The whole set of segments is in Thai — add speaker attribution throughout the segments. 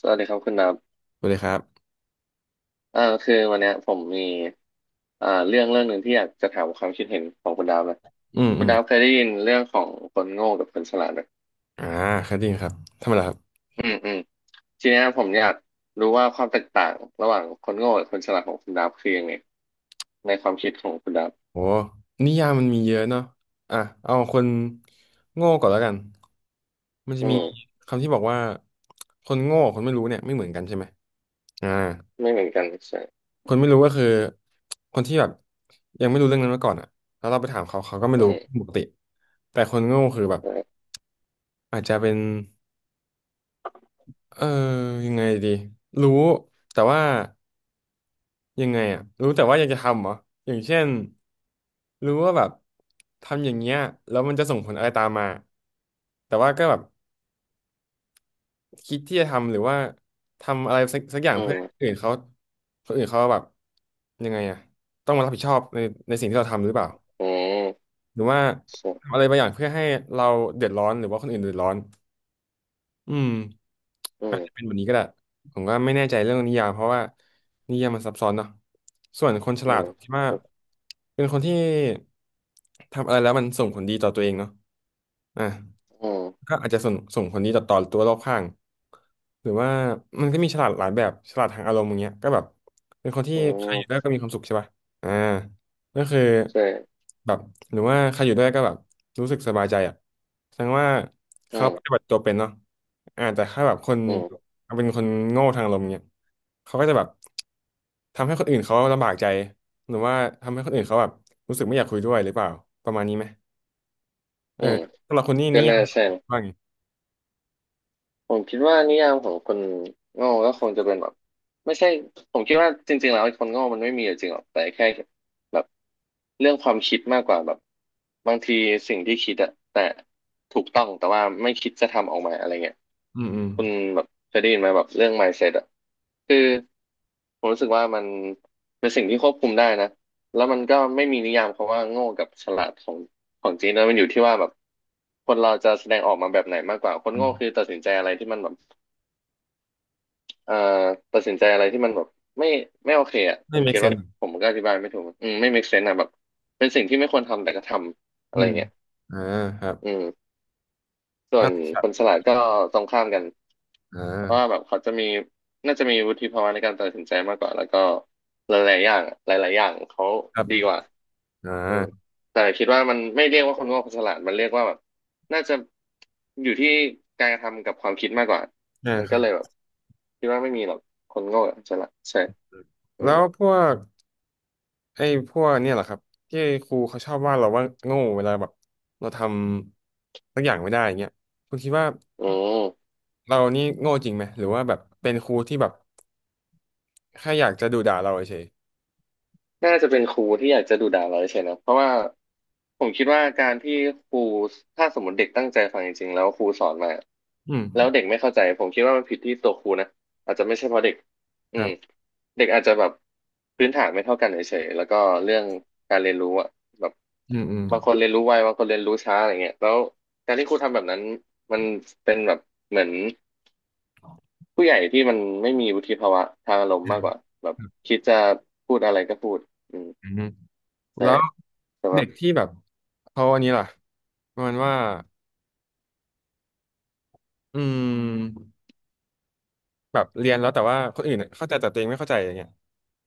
Speaker 1: สวัสดีครับคุณนับ
Speaker 2: สวัสดีครับ
Speaker 1: คือวันเนี้ยผมมีเรื่องหนึ่งที่อยากจะถามความคิดเห็นของคุณดาวนะ
Speaker 2: อืม
Speaker 1: คุ
Speaker 2: อื
Speaker 1: ณ
Speaker 2: ม
Speaker 1: ดาวเคยได้ยินเรื่องของคนโง่กับคนฉลาดไหม
Speaker 2: อ่าครับจริงครับทำไมล่ะครับ
Speaker 1: อืมอืมทีเนี้ยผมอยากรู้ว่าความแตกต่างระหว่างคนโง่กับคนฉลาดของคุณดาวคือยังไงในความคิดของคุณดาว
Speaker 2: โอ้นิยามมันมีเยอะเนาะอ่ะเอาคนโง่ก่อนแล้วกันมันจะ
Speaker 1: อื
Speaker 2: มี
Speaker 1: ม
Speaker 2: คำที่บอกว่าคนโง่กับคนไม่รู้เนี่ยไม่เหมือนกันใช่ไหมอ่า
Speaker 1: ไม่เหมือนกันใช่
Speaker 2: คนไม่รู้ก็คือคนที่แบบยังไม่รู้เรื่องนั้นมาก่อนอ่ะแล้วเราไปถามเขาเขาก็ไม่
Speaker 1: อื
Speaker 2: รู้
Speaker 1: ม
Speaker 2: ปกติ แต่คนโง่คือแบบ
Speaker 1: อื
Speaker 2: อาจจะเป็นเออยังไงดีรู้แต่ว่า ยังไงอ่ะรู้แต่ว่าอยากจะทำเหรออย่างเช่นรู้ว่าแบบทำอย่างเงี้ยแล้วมันจะส่งผลอะไรตามมาแต่ว่าก็แบบคิดที่จะทำหรือว่าทำอะไรสักอย่าง
Speaker 1: ม
Speaker 2: เพื่อให้คนอื่นเขาคนอื่นเขาแบบยังไงอ่ะต้องมารับผิดชอบในสิ่งที่เราทำหรือเปล่า
Speaker 1: อืม
Speaker 2: หรือว่า
Speaker 1: ใช่
Speaker 2: ทำอะไรบางอย่างเพื่อให้เราเดือดร้อนหรือว่าคนอื่นเดือดร้อน อืม
Speaker 1: อื
Speaker 2: อาจ
Speaker 1: ม
Speaker 2: จะเป็นแบบนี้ก็ได้ผมก็ไม่แน่ใจเรื่องนิยามเพราะว่านิยามมันซับซ้อนเนาะส่วนคนฉ
Speaker 1: อื
Speaker 2: ลาด
Speaker 1: ม
Speaker 2: ผมคิดว่าเป็นคนที่ทำอะไรแล้วมันส่งผลดีต่อตัวเองเนาะอ่ะ
Speaker 1: อืม
Speaker 2: ก็อาจจะส่งผลดีต่อตัวรอบข้างหรือว่ามันก็มีฉลาดหลายแบบฉลาดทางอารมณ์อย่างเงี้ยก็แบบเป็นคนที่
Speaker 1: อื
Speaker 2: ใคร
Speaker 1: ม
Speaker 2: อยู่ด้วยก็มีความสุขใช่ป่ะอ่าก็คือ
Speaker 1: ใช่
Speaker 2: แบบหรือว่าใครอยู่ด้วยก็แบบรู้สึกสบายใจอ่ะแสดงว่า
Speaker 1: อื
Speaker 2: เขาปฏิ
Speaker 1: ม
Speaker 2: บัติตัวเป็นเนาะอ่าแต่ถ้าแบบคน
Speaker 1: อืม
Speaker 2: เป็นคนโง่ทางอารมณ์เงี้ยเขาก็จะแบบทำให้คนอื่นเขาลำบากใจหรือว่าทำให้คนอื่นเขาแบบรู้สึกไม่อยากคุยด้วยหรือเปล่าประมาณนี้ไหมเอ
Speaker 1: อื
Speaker 2: อ
Speaker 1: ม
Speaker 2: สำหรับคนนี้
Speaker 1: ก็
Speaker 2: นิยา
Speaker 1: น่า
Speaker 2: ม
Speaker 1: ใช่
Speaker 2: ว่าไง
Speaker 1: ผมคิดว่านิยามของคนโง่ก็คงจะเป็นแบบไม่ใช่ผมคิดว่าจริงๆแล้วไอ้คนโง่มันไม่มีอยู่จริงหรอกแต่แค่แบบเรื่องความคิดมากกว่าแบบบางทีสิ่งที่คิดอะแต่ถูกต้องแต่ว่าไม่คิดจะทำออกมาอะไรเงี้ย
Speaker 2: อืมอืม
Speaker 1: คุณแบบเคยได้ยินไหมแบบเรื่อง mindset อะคือผมรู้สึกว่ามันเป็นสิ่งที่ควบคุมได้นะแล้วมันก็ไม่มีนิยามคำว่าโง่กับฉลาดของของจริงนะมันอยู่ที่ว่าแบบคนเราจะแสดงออกมาแบบไหนมากกว่าคน
Speaker 2: อื
Speaker 1: โง่
Speaker 2: ม
Speaker 1: คือตัดสินใจอะไรที่มันแบบ เอ่อตัดสินใจอะไรที่มันแบบไม่ไม่โอเคอ่ะ
Speaker 2: ไม่
Speaker 1: คุณเก็
Speaker 2: make
Speaker 1: ตว่า
Speaker 2: sense
Speaker 1: ผมก็อธิบายไม่ถูกอืมไม่ make sense อะแบบเป็นสิ่งที่ไม่ควรทำแต่ก็ทำอะ
Speaker 2: อื
Speaker 1: ไร
Speaker 2: ม
Speaker 1: เงี้ย
Speaker 2: อ่าครับ
Speaker 1: อืมส่ว
Speaker 2: อ่ะ
Speaker 1: น
Speaker 2: ครั
Speaker 1: คนฉ
Speaker 2: บ
Speaker 1: ลาดก็ตรงข้ามกัน
Speaker 2: อ่
Speaker 1: เพราะว่า
Speaker 2: า
Speaker 1: แบบเขาจะมีน่าจะมีวุฒิภาวะในการตัดสินใจมากกว่าแล้วก็หลายๆอย่างหลายๆอย่างเขา
Speaker 2: ครับ
Speaker 1: ดีกว่า
Speaker 2: อ่า
Speaker 1: อืมแต่คิดว่ามันไม่เรียกว่าคนโง่คนฉลาดมันเรียกว่าแบบน่าจะอยู่ที่การกระทำกับความคิดมากกว่า
Speaker 2: อ่า
Speaker 1: มัน
Speaker 2: ค
Speaker 1: ก็
Speaker 2: รับ
Speaker 1: เลยแบบคิดว่าไม่มีหรอกคนโง่กับคนฉลาดใช่ อื
Speaker 2: แล้
Speaker 1: ม
Speaker 2: วพวกไอ้พวกเนี่ยเหรอครับที่ครูเขาชอบว่าเราว่าโง่เวลาแบบเราทำสักอย่างไม่ได้อย่างเงี้ยคุณคิดว่า
Speaker 1: อืม
Speaker 2: เรานี่โง่จริงไหมหรือว่าแบบเป็นครูที่แบบแค่อยากจะดุด่าเราเฉย
Speaker 1: น่าจะเป็นครูที่อยากจะดุด่าเราใช่นะเพราะว่าผมคิดว่าการที่ครูถ้าสมมติเด็กตั้งใจฟังจริงๆแล้วครูสอนมา
Speaker 2: ๆอืม
Speaker 1: แล้วเด็กไม่เข้าใจผมคิดว่ามันผิดที่ตัวครูนะอาจจะไม่ใช่เพราะเด็กอื
Speaker 2: ครั
Speaker 1: ม
Speaker 2: บ
Speaker 1: เด็กอาจจะแบบพื้นฐานไม่เท่ากันเฉยๆแล้วก็เรื่องการเรียนรู้อะแบบ
Speaker 2: อืมอืม
Speaker 1: บางคนเรียนรู้ไวบางคนเรียนรู้ช้าอะไรเงี้ยแล้วการที่ครูทำแบบนั้นมันเป็นแบบเหมือน ผู้ใหญ่ที่มันไม่มีวุฒิภาวะทางอารมณ์
Speaker 2: อื
Speaker 1: มา
Speaker 2: ม
Speaker 1: กกว่าแบบ
Speaker 2: ครับ
Speaker 1: คิดจะพูดอะไรก็พูดอืม
Speaker 2: อืม
Speaker 1: แต่
Speaker 2: แล้ว
Speaker 1: แต่แบ
Speaker 2: เด็
Speaker 1: บ
Speaker 2: กที่แบบเขาอันนี้ล่ะประมาณว่าอืม แบบเรียนแล้วแต่ว่าคนอื่นเข้าใจแต่ตัวเองไม่เข้าใจอย่างเงี้ย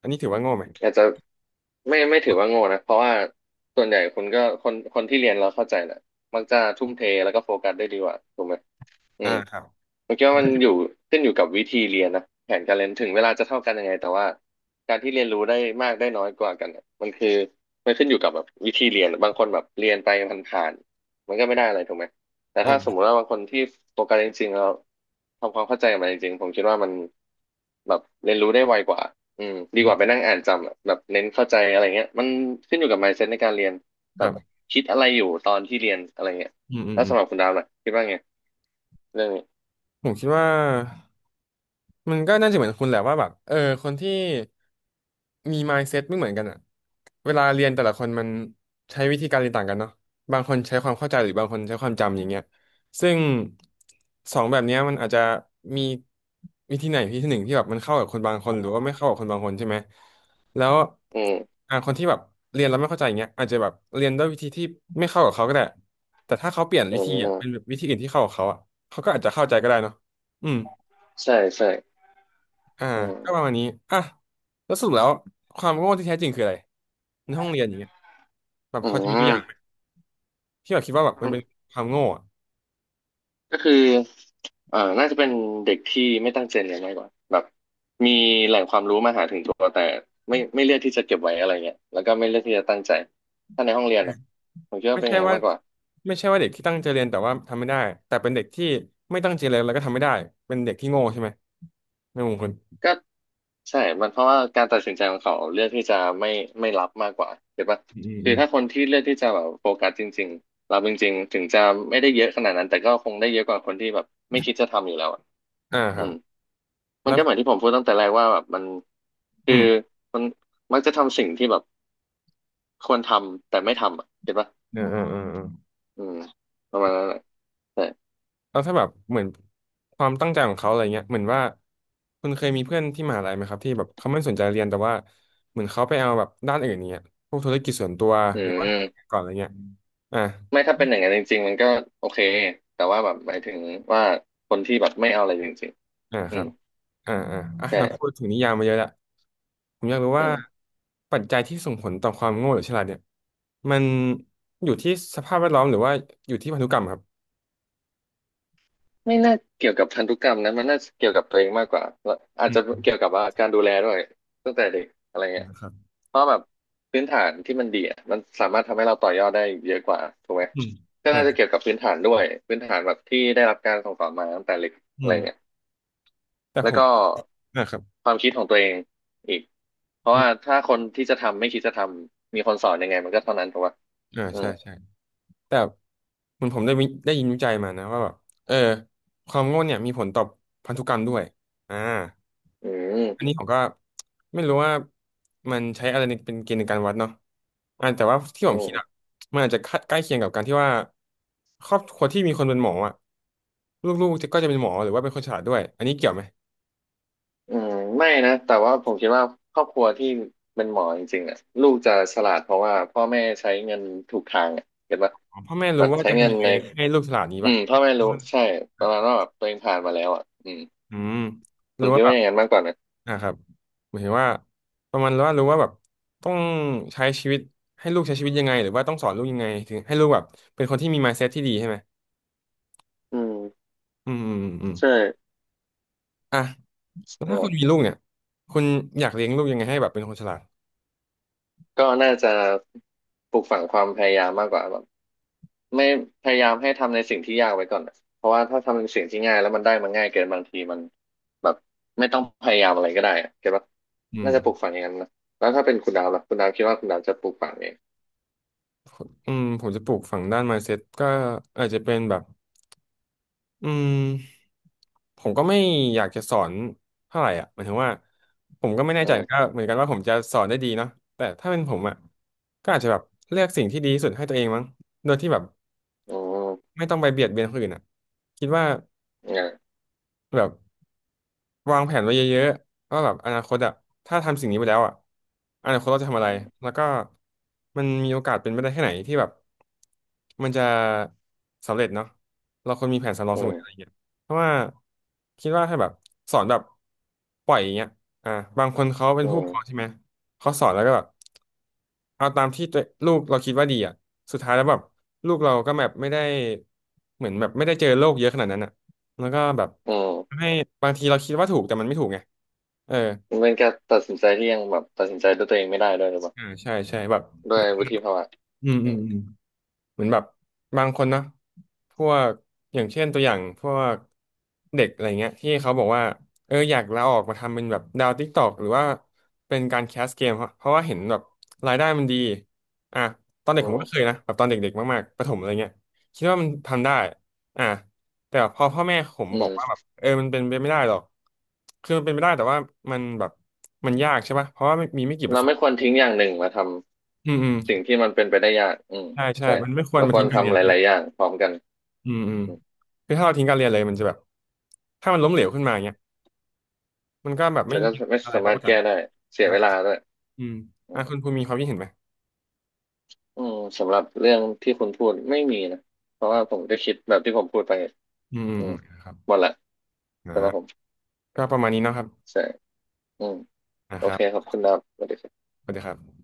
Speaker 2: อันนี้ถือว่าโง่ไหม
Speaker 1: อาจจะไม่ถือว่าโง่นะเพราะว่าส่วนใหญ่คนก็คนคนที่เรียนเราเข้าใจแหละมักจะทุ่มเทแล้วก็โฟกัสได้ดีกว่าถูกไหม อื
Speaker 2: อ่า
Speaker 1: ม
Speaker 2: ครับ
Speaker 1: ผมคิดว่ามันอยู่ขึ้นอยู่กับวิธีเรียนนะแผนการเรียนถึงเวลาจะเท่ากันยังไงแต่ว่าการที่เรียนรู้ได้มากได้น้อยกว่ากันเนี่ยมันคือมันขึ้นอยู่กับแบบวิธีเรียนบางคนแบบเรียนไปผ่านๆมันก็ไม่ได้อะไรถูกไหมแต่ถ้าสมมุติ
Speaker 2: อ่า
Speaker 1: ว่าบางคนที่โฟกัสจริงๆแล้วทำความเข้าใจกับมันจริงๆผมคิดว่ามันแบบเรียนรู้ได้ไวกว่าอืมดี
Speaker 2: อื
Speaker 1: ก
Speaker 2: ม
Speaker 1: ว่าไปนั่งอ่านจำอะแบบเน้นเข้าใจอะไรเงี้ยมันขึ้นอยู่กับ mindset ในการเรียน
Speaker 2: ค
Speaker 1: แบบ
Speaker 2: รับ
Speaker 1: คิดอะไรอยู่ตอนที่เรียนอะไรเงี้ย
Speaker 2: อืมอืม
Speaker 1: แล้ว
Speaker 2: อืม
Speaker 1: สำหรับคุณดาวน่ะคิดว่าไงเรื่องนี้
Speaker 2: ผมคิดว่า มันก็น่าจะเหมือนคุณแหละว่าแบบคนที่มี mindset ไม่เหมือนกันอะเวลาเรียนแต่ละคนมันใช้วิธีการเรียนต่างกันเนาะบางคนใช้ความเข้าใจหรือบางคนใช้ความจำอย่างเงี้ยซึ่งสองแบบเนี้ยมันอาจจะมีวิธีไหนวิธีหนึ่งที่แบบมันเข้ากับคนบางคนหรือว่าไม่เข้ากับคนบางคนใช่ไหมแล้ว
Speaker 1: อืม
Speaker 2: อ่าคนที่แบบเรียนแล้วไม่เข้าใจอย่างเงี้ยอาจจะแบบเรียนด้วยวิธีที่ไม่เข้ากับเขาก็ได้แต่ถ้าเขาเปลี่ยน
Speaker 1: อื
Speaker 2: วิธี
Speaker 1: ม
Speaker 2: อ่ะเป็นแบบวิธีอื่นที่เข้ากับเขาอ่ะเขาก็อาจจะเข้าใจก็ได้เนาะอืม
Speaker 1: ใช่ใช่
Speaker 2: อ่า
Speaker 1: อืม
Speaker 2: ก็ประมาณนี้อ่ะแล้วสรุปแล้วความโง่ที่แท้จริงคืออะไรในห้องเรียนอย่างเงี้ยแบบ
Speaker 1: อื
Speaker 2: พอจะมีตัวอย่างไหม
Speaker 1: ม
Speaker 2: ที่แบบคิดว่าแบบมันเป็นความโง่อะ
Speaker 1: ก็คือน่าจะเป็นเด็กที่ไม่ตั้งใจเรียนมากกว่า แบบ มีแหล่งความรู้มาหาถึงตัวแต่ไม่เลือกที่จะเก็บไว้อะไรเงี้ยแล้วก็ไม่เลือกที่จะตั้งใจ ถ้าในห้องเรียนนะผมคิดว่า
Speaker 2: ไม่
Speaker 1: เป็นอ
Speaker 2: ใช่
Speaker 1: ย่างนั้น
Speaker 2: ว่า
Speaker 1: มากกว่า
Speaker 2: ไม่ใช่ว่าเด็กที่ตั้งใจเรียนแต่ว่าทำไม่ได้แต่เป็นเด็กที่ไม่ตั้งใจเรียนแล้วก็ทำไม่ได้เป็นเด็กที่โง่ใช่ไหมในมุมคุณ
Speaker 1: ก็ใช่มันเพราะว่าการตัดสินใจของเขาเลือกที่จะไม่รับมากกว่าเห็นปะ
Speaker 2: อืมอืม
Speaker 1: คื
Speaker 2: อื
Speaker 1: อ
Speaker 2: ม
Speaker 1: ถ้าคนที่เลือกที่จะแบบโฟกัสจริงๆรับจริงๆถึงจะไม่ได้เยอะขนาดนั้นแต่ก็คงได้เยอะกว่าคนที่แบบไม่คิดจะทำอยู่แล้วอะ
Speaker 2: อ่าค
Speaker 1: อื
Speaker 2: รับ
Speaker 1: ม มัน
Speaker 2: แล้ว
Speaker 1: ก็เหมือนที่ผมพูดตั้งแต่แรกว่าแบบมันคื
Speaker 2: อื
Speaker 1: อ
Speaker 2: ม
Speaker 1: มันมักจะทำสิ่งที่แบบควรทำแต่ไม่ทำอ่ะเห็นปะ
Speaker 2: อ่าอ่าอ่า
Speaker 1: อืมประมาณนั้นแหละแต่
Speaker 2: แล้วถ้าแบบเหมือนความตั้งใจของเขาอะไรเงี้ยเหมือนว่าคุณเคยมีเพื่อนที่มหาลัยไหมครับที่แบบเขาไม่สนใจเรียนแต่ว่าเหมือนเขาไปเอาแบบด้านอื่นเนี้ยพวกธุรกิจส่วนตัว
Speaker 1: อื
Speaker 2: หรือว่า
Speaker 1: ม
Speaker 2: ก่อนอะไรเงี้ยอ่า
Speaker 1: ไม่ถ้าเป็นอย่างนั้นจริงๆมันก็โอเคแต่ว่าแบบหมายถึงว่าคนที่แบบไม่เอาอะไรจริง
Speaker 2: อ่า
Speaker 1: ๆ
Speaker 2: ค
Speaker 1: อื
Speaker 2: รั
Speaker 1: ม
Speaker 2: บอ่าอ่าอ่ะเราพู
Speaker 1: ใช่
Speaker 2: ดถึงนิยามมาเยอะแลวผมอยากรู้
Speaker 1: อื
Speaker 2: ว่า
Speaker 1: ม
Speaker 2: ปัจจัยที่ส่งผลต่อความโง่หรือฉลาดเนี่ยมันอยู่ที่สภาพแวดล้อมหรือว่าอยู่ที่พันธุกรรมครับ
Speaker 1: ไม่น่าเกี่ยวกับพันธุกรรมนะมันน่าจะเกี่ยวกับตัวเองมากกว่าแล้วอาจ
Speaker 2: อื
Speaker 1: จะ
Speaker 2: ม
Speaker 1: เกี่ยวกับว่าการดูแลด้วยตั้งแต่เด็กอะไรเงี้ย
Speaker 2: ครับ
Speaker 1: เพราะแบบพื้นฐานที่มันดีอะมันสามารถทำให้เราต่อยอดได้เยอะกว่าถูกไหม
Speaker 2: อืม
Speaker 1: ก็
Speaker 2: อ่า
Speaker 1: น่าจะเกี่ยวกับพื้นฐานด้วยพื้นฐานแบบที่ได้รับการส่งต่อมาตั้งแต่เล็กอะ
Speaker 2: อื
Speaker 1: ไร
Speaker 2: ม
Speaker 1: เงี้ย
Speaker 2: แต่
Speaker 1: แล้
Speaker 2: ผ
Speaker 1: ว
Speaker 2: ม
Speaker 1: ก็
Speaker 2: อ่าครับ
Speaker 1: ความคิดของตัวเองอีกเพราะ
Speaker 2: อื
Speaker 1: ว่า
Speaker 2: ม
Speaker 1: ถ้าคนที่จะทำไม่คิดจะทำมีคนสอนยังไงมันก็เท่านั้นถูกปะ
Speaker 2: อ่า
Speaker 1: อื
Speaker 2: ใช่
Speaker 1: ม
Speaker 2: ใช่ แต่เหมือนผมได้ได้ยินวิจัยมานะว่าแบบเออความโง่เนี่ยมีผลต่อพันธุกรรมด้วยอ่า
Speaker 1: อื
Speaker 2: อัน
Speaker 1: ม
Speaker 2: นี้ผมก็ไม่รู้ว่ามันใช้อะไรในเป็นเกณฑ์ในการวัดเนาะแต่ว่าที่ผม
Speaker 1: อื
Speaker 2: คิ
Speaker 1: ม
Speaker 2: ดอะมันอาจจะใกล้เคียงกับการที่ว่าครอบครัวที่มีคนเป็นหมออะลูกๆจะก็จะเป็นหมอหรือว่าเป็นคนฉลาดด้วยอันนี้เกี่ยวไหม
Speaker 1: อืมไม่นะแต่ว่าผมคิดว่าครอบครัวที่เป็นหมอจริงๆอ่ะลูกจะฉลาดเพราะว่าพ่อแม่ใช้เงินถูกทางอ่ะเห็นปะ
Speaker 2: อ๋อพ่อแม่
Speaker 1: แบ
Speaker 2: รู้
Speaker 1: บ
Speaker 2: ว่า
Speaker 1: ใช้
Speaker 2: จะ
Speaker 1: เงิ
Speaker 2: ทำ
Speaker 1: น
Speaker 2: ยังไง
Speaker 1: ใน
Speaker 2: ให้ลูกฉลาดนี้
Speaker 1: อื
Speaker 2: ป่ะ
Speaker 1: มพ่อแม่รู้ใช่ประมาณว่าแบบตัวเองผ่านมาแล้วอ่ะอืม
Speaker 2: อืมห
Speaker 1: ผ
Speaker 2: รือ
Speaker 1: ม
Speaker 2: ว่า
Speaker 1: คิด
Speaker 2: แบ
Speaker 1: ว่า
Speaker 2: บ
Speaker 1: อย่างนั้นมากกว่านะ
Speaker 2: อ่ะครับหมายถึงว่าประมาณว่ารู้ว่าแบบต้องใช้ชีวิตให้ลูกใช้ชีวิตยังไงหรือว่าต้องสอนลูกยังไงถึงให้ลูกแบบเป็นคนที่มี mindset ที่ดีใช่ไหม
Speaker 1: อืม
Speaker 2: อืมอืมอืมอืม
Speaker 1: ใช่
Speaker 2: อ่ะแล้ว
Speaker 1: เอ
Speaker 2: ถ้าคุณมี
Speaker 1: อ
Speaker 2: ลูกเนี่ยคุณอยากเลี้ยงลูกยังไงให้แบบเป็นคนฉลาด
Speaker 1: ก็น่าจะปลูกฝังความพยายามมากกว่าแบบ ไม่พยายามให้ทำในสิ่งที่ยากไว้ก่อนอะเพราะว่าถ้าทำในสิ่งที่ง่ายแล้วมันได้มันง่ายเกินบางทีมันแบบไม่ต้องพยายามอะไรก็ได้อะเก็ตว่า
Speaker 2: อื
Speaker 1: น่าจะปลูก
Speaker 2: ม
Speaker 1: ฝังอย่างนั้นนะแล้วถ้าเป็นคุณดาวล่ะคุณดาวคิดว่าคุณดาวจะปลูกฝังเอง
Speaker 2: อืมผมจะปลูกฝังด้าน mindset ก็อาจจะเป็นแบบ อืมผมก็ไม่อยากจะสอนเท่าไหร่อ่ะหมายถึงว่าผมก็ไม่แน่
Speaker 1: อื
Speaker 2: ใจก็
Speaker 1: ม
Speaker 2: เหมือนกันว่าผมจะสอนได้ดีเนาะแต่ถ้าเป็นผมอ่ะก็อาจจะแบบเลือกสิ่งที่ดีที่สุดให้ตัวเองมั้งโดยที่แบบ
Speaker 1: อืม
Speaker 2: ไม่ต้องไปเบียดเบียนคนอื่นอ่ะคิดว่า
Speaker 1: อืม
Speaker 2: แบบ วางแผนไว้เยอะๆว่าแบบอนาคตอะถ้าทำสิ่งนี้ไปแล้วอะอนาคตเราจะทำอะไร แล้วก็มันมีโอกาสเป็นไปได้แค่ไหนที่แบบมันจะสำเร็จเนาะเราควรมีแผนสำรองเส
Speaker 1: อื
Speaker 2: ม
Speaker 1: ม
Speaker 2: ออะไรอย่างเงี้ยเพราะว่าคิดว่าถ้าแบบสอนแบบปล่อยอย่างเงี้ยอ่าบางคนเขาเป็น
Speaker 1: อื
Speaker 2: ผู้ป
Speaker 1: ม
Speaker 2: กครองใช่ไหมเขาสอนแล้วก็แบบเอาตามที่ตัวลูกเราคิดว่าดีอ่ะสุดท้ายแล้วแบบลูกเราก็แบบไม่ได้เหมือนแบบไม่ได้เจอโลกเยอะขนาดนั้นอ่ะ แล้วก็แบบ
Speaker 1: อื
Speaker 2: ทำ
Speaker 1: ม
Speaker 2: ให้บางทีเราคิดว่าถูกแต่มันไม่ถูกไงเออ
Speaker 1: มันเป็นการตัดสินใจที่ยังแบบตัดสินใจด้วยตัวเองไม่ได้ด้วยหรือเปล่า
Speaker 2: อ่าใช่ใช่แบบ
Speaker 1: ด้
Speaker 2: เห
Speaker 1: ว
Speaker 2: มื
Speaker 1: ย
Speaker 2: อน
Speaker 1: วุฒิภาวะ
Speaker 2: อืม
Speaker 1: อื
Speaker 2: อืม
Speaker 1: ม
Speaker 2: อืม เหมือนแบบบางคนนะพวกอย่างเช่นตัวอย่างพวกเด็กอะไรเงี้ยที่เขาบอกว่าเอออยากลาออกมาทำเป็นแบบดาวติ๊กตอกหรือว่าเป็นการแคสเกมเพราะว่าเห็นแบบรายได้มันดีอ่ะตอนเด็
Speaker 1: อื
Speaker 2: กผมก็เคย
Speaker 1: ม
Speaker 2: นะแบบตอนเด็กๆมากๆประถมอะไรเงี้ยคิดว่ามันทำได้อ่ะแต่พอพ่อแม่ผม
Speaker 1: อื
Speaker 2: บอกว่าแบบ
Speaker 1: ม
Speaker 2: เออมันเป็นไปไม่ได้หรอกคือมันเป็นไปได้แต่ว่ามันแบบมันยากใช่ปะเพราะว่ามีไม่กี่เปอ
Speaker 1: เรา
Speaker 2: ร์เซ็น
Speaker 1: ไม่
Speaker 2: ต์
Speaker 1: ควรทิ้งอย่างหนึ่งมาท
Speaker 2: อืมอืม
Speaker 1: ำสิ่งที่มันเป็นไปได้ยากอืม
Speaker 2: ใช่ใช่
Speaker 1: ใช่
Speaker 2: มันไม่ควร
Speaker 1: เรา
Speaker 2: มา
Speaker 1: คว
Speaker 2: ทิ้
Speaker 1: ร
Speaker 2: งการเรีย
Speaker 1: ทำ
Speaker 2: น
Speaker 1: ห
Speaker 2: กัน
Speaker 1: ลายๆอย่างพร้อมกัน
Speaker 2: อืมอืมคือถ้าเราทิ้งการเรียนเลยมันจะแบบถ้ามันล้มเหลวขึ้นมาเงี้ยมันก็แบบไม่
Speaker 1: แล้วก็
Speaker 2: มี
Speaker 1: ไม่
Speaker 2: อะไร
Speaker 1: สา
Speaker 2: รับ
Speaker 1: มาร
Speaker 2: ป
Speaker 1: ถ
Speaker 2: ระกัน
Speaker 1: แก้ได้เสีย
Speaker 2: นะ
Speaker 1: เวลาด้วย
Speaker 2: อืมอ่ะคุณภูมิมีความคิดเห็นไหม
Speaker 1: อืมสำหรับเรื่องที่คุณพูดไม่มีนะเพราะว่าผมก็คิดแบบที่ผมพูดไป
Speaker 2: อืมอืม
Speaker 1: อื
Speaker 2: อื
Speaker 1: ม
Speaker 2: มครับ
Speaker 1: หมดละสำหรับผม
Speaker 2: นะก็ประมาณนี้เนาะครับ
Speaker 1: ใช่อืม
Speaker 2: นะ
Speaker 1: โอ
Speaker 2: ครั
Speaker 1: เค
Speaker 2: บ
Speaker 1: ขอบคุณนะครับสวัสดีครับ
Speaker 2: สวัสดีครับ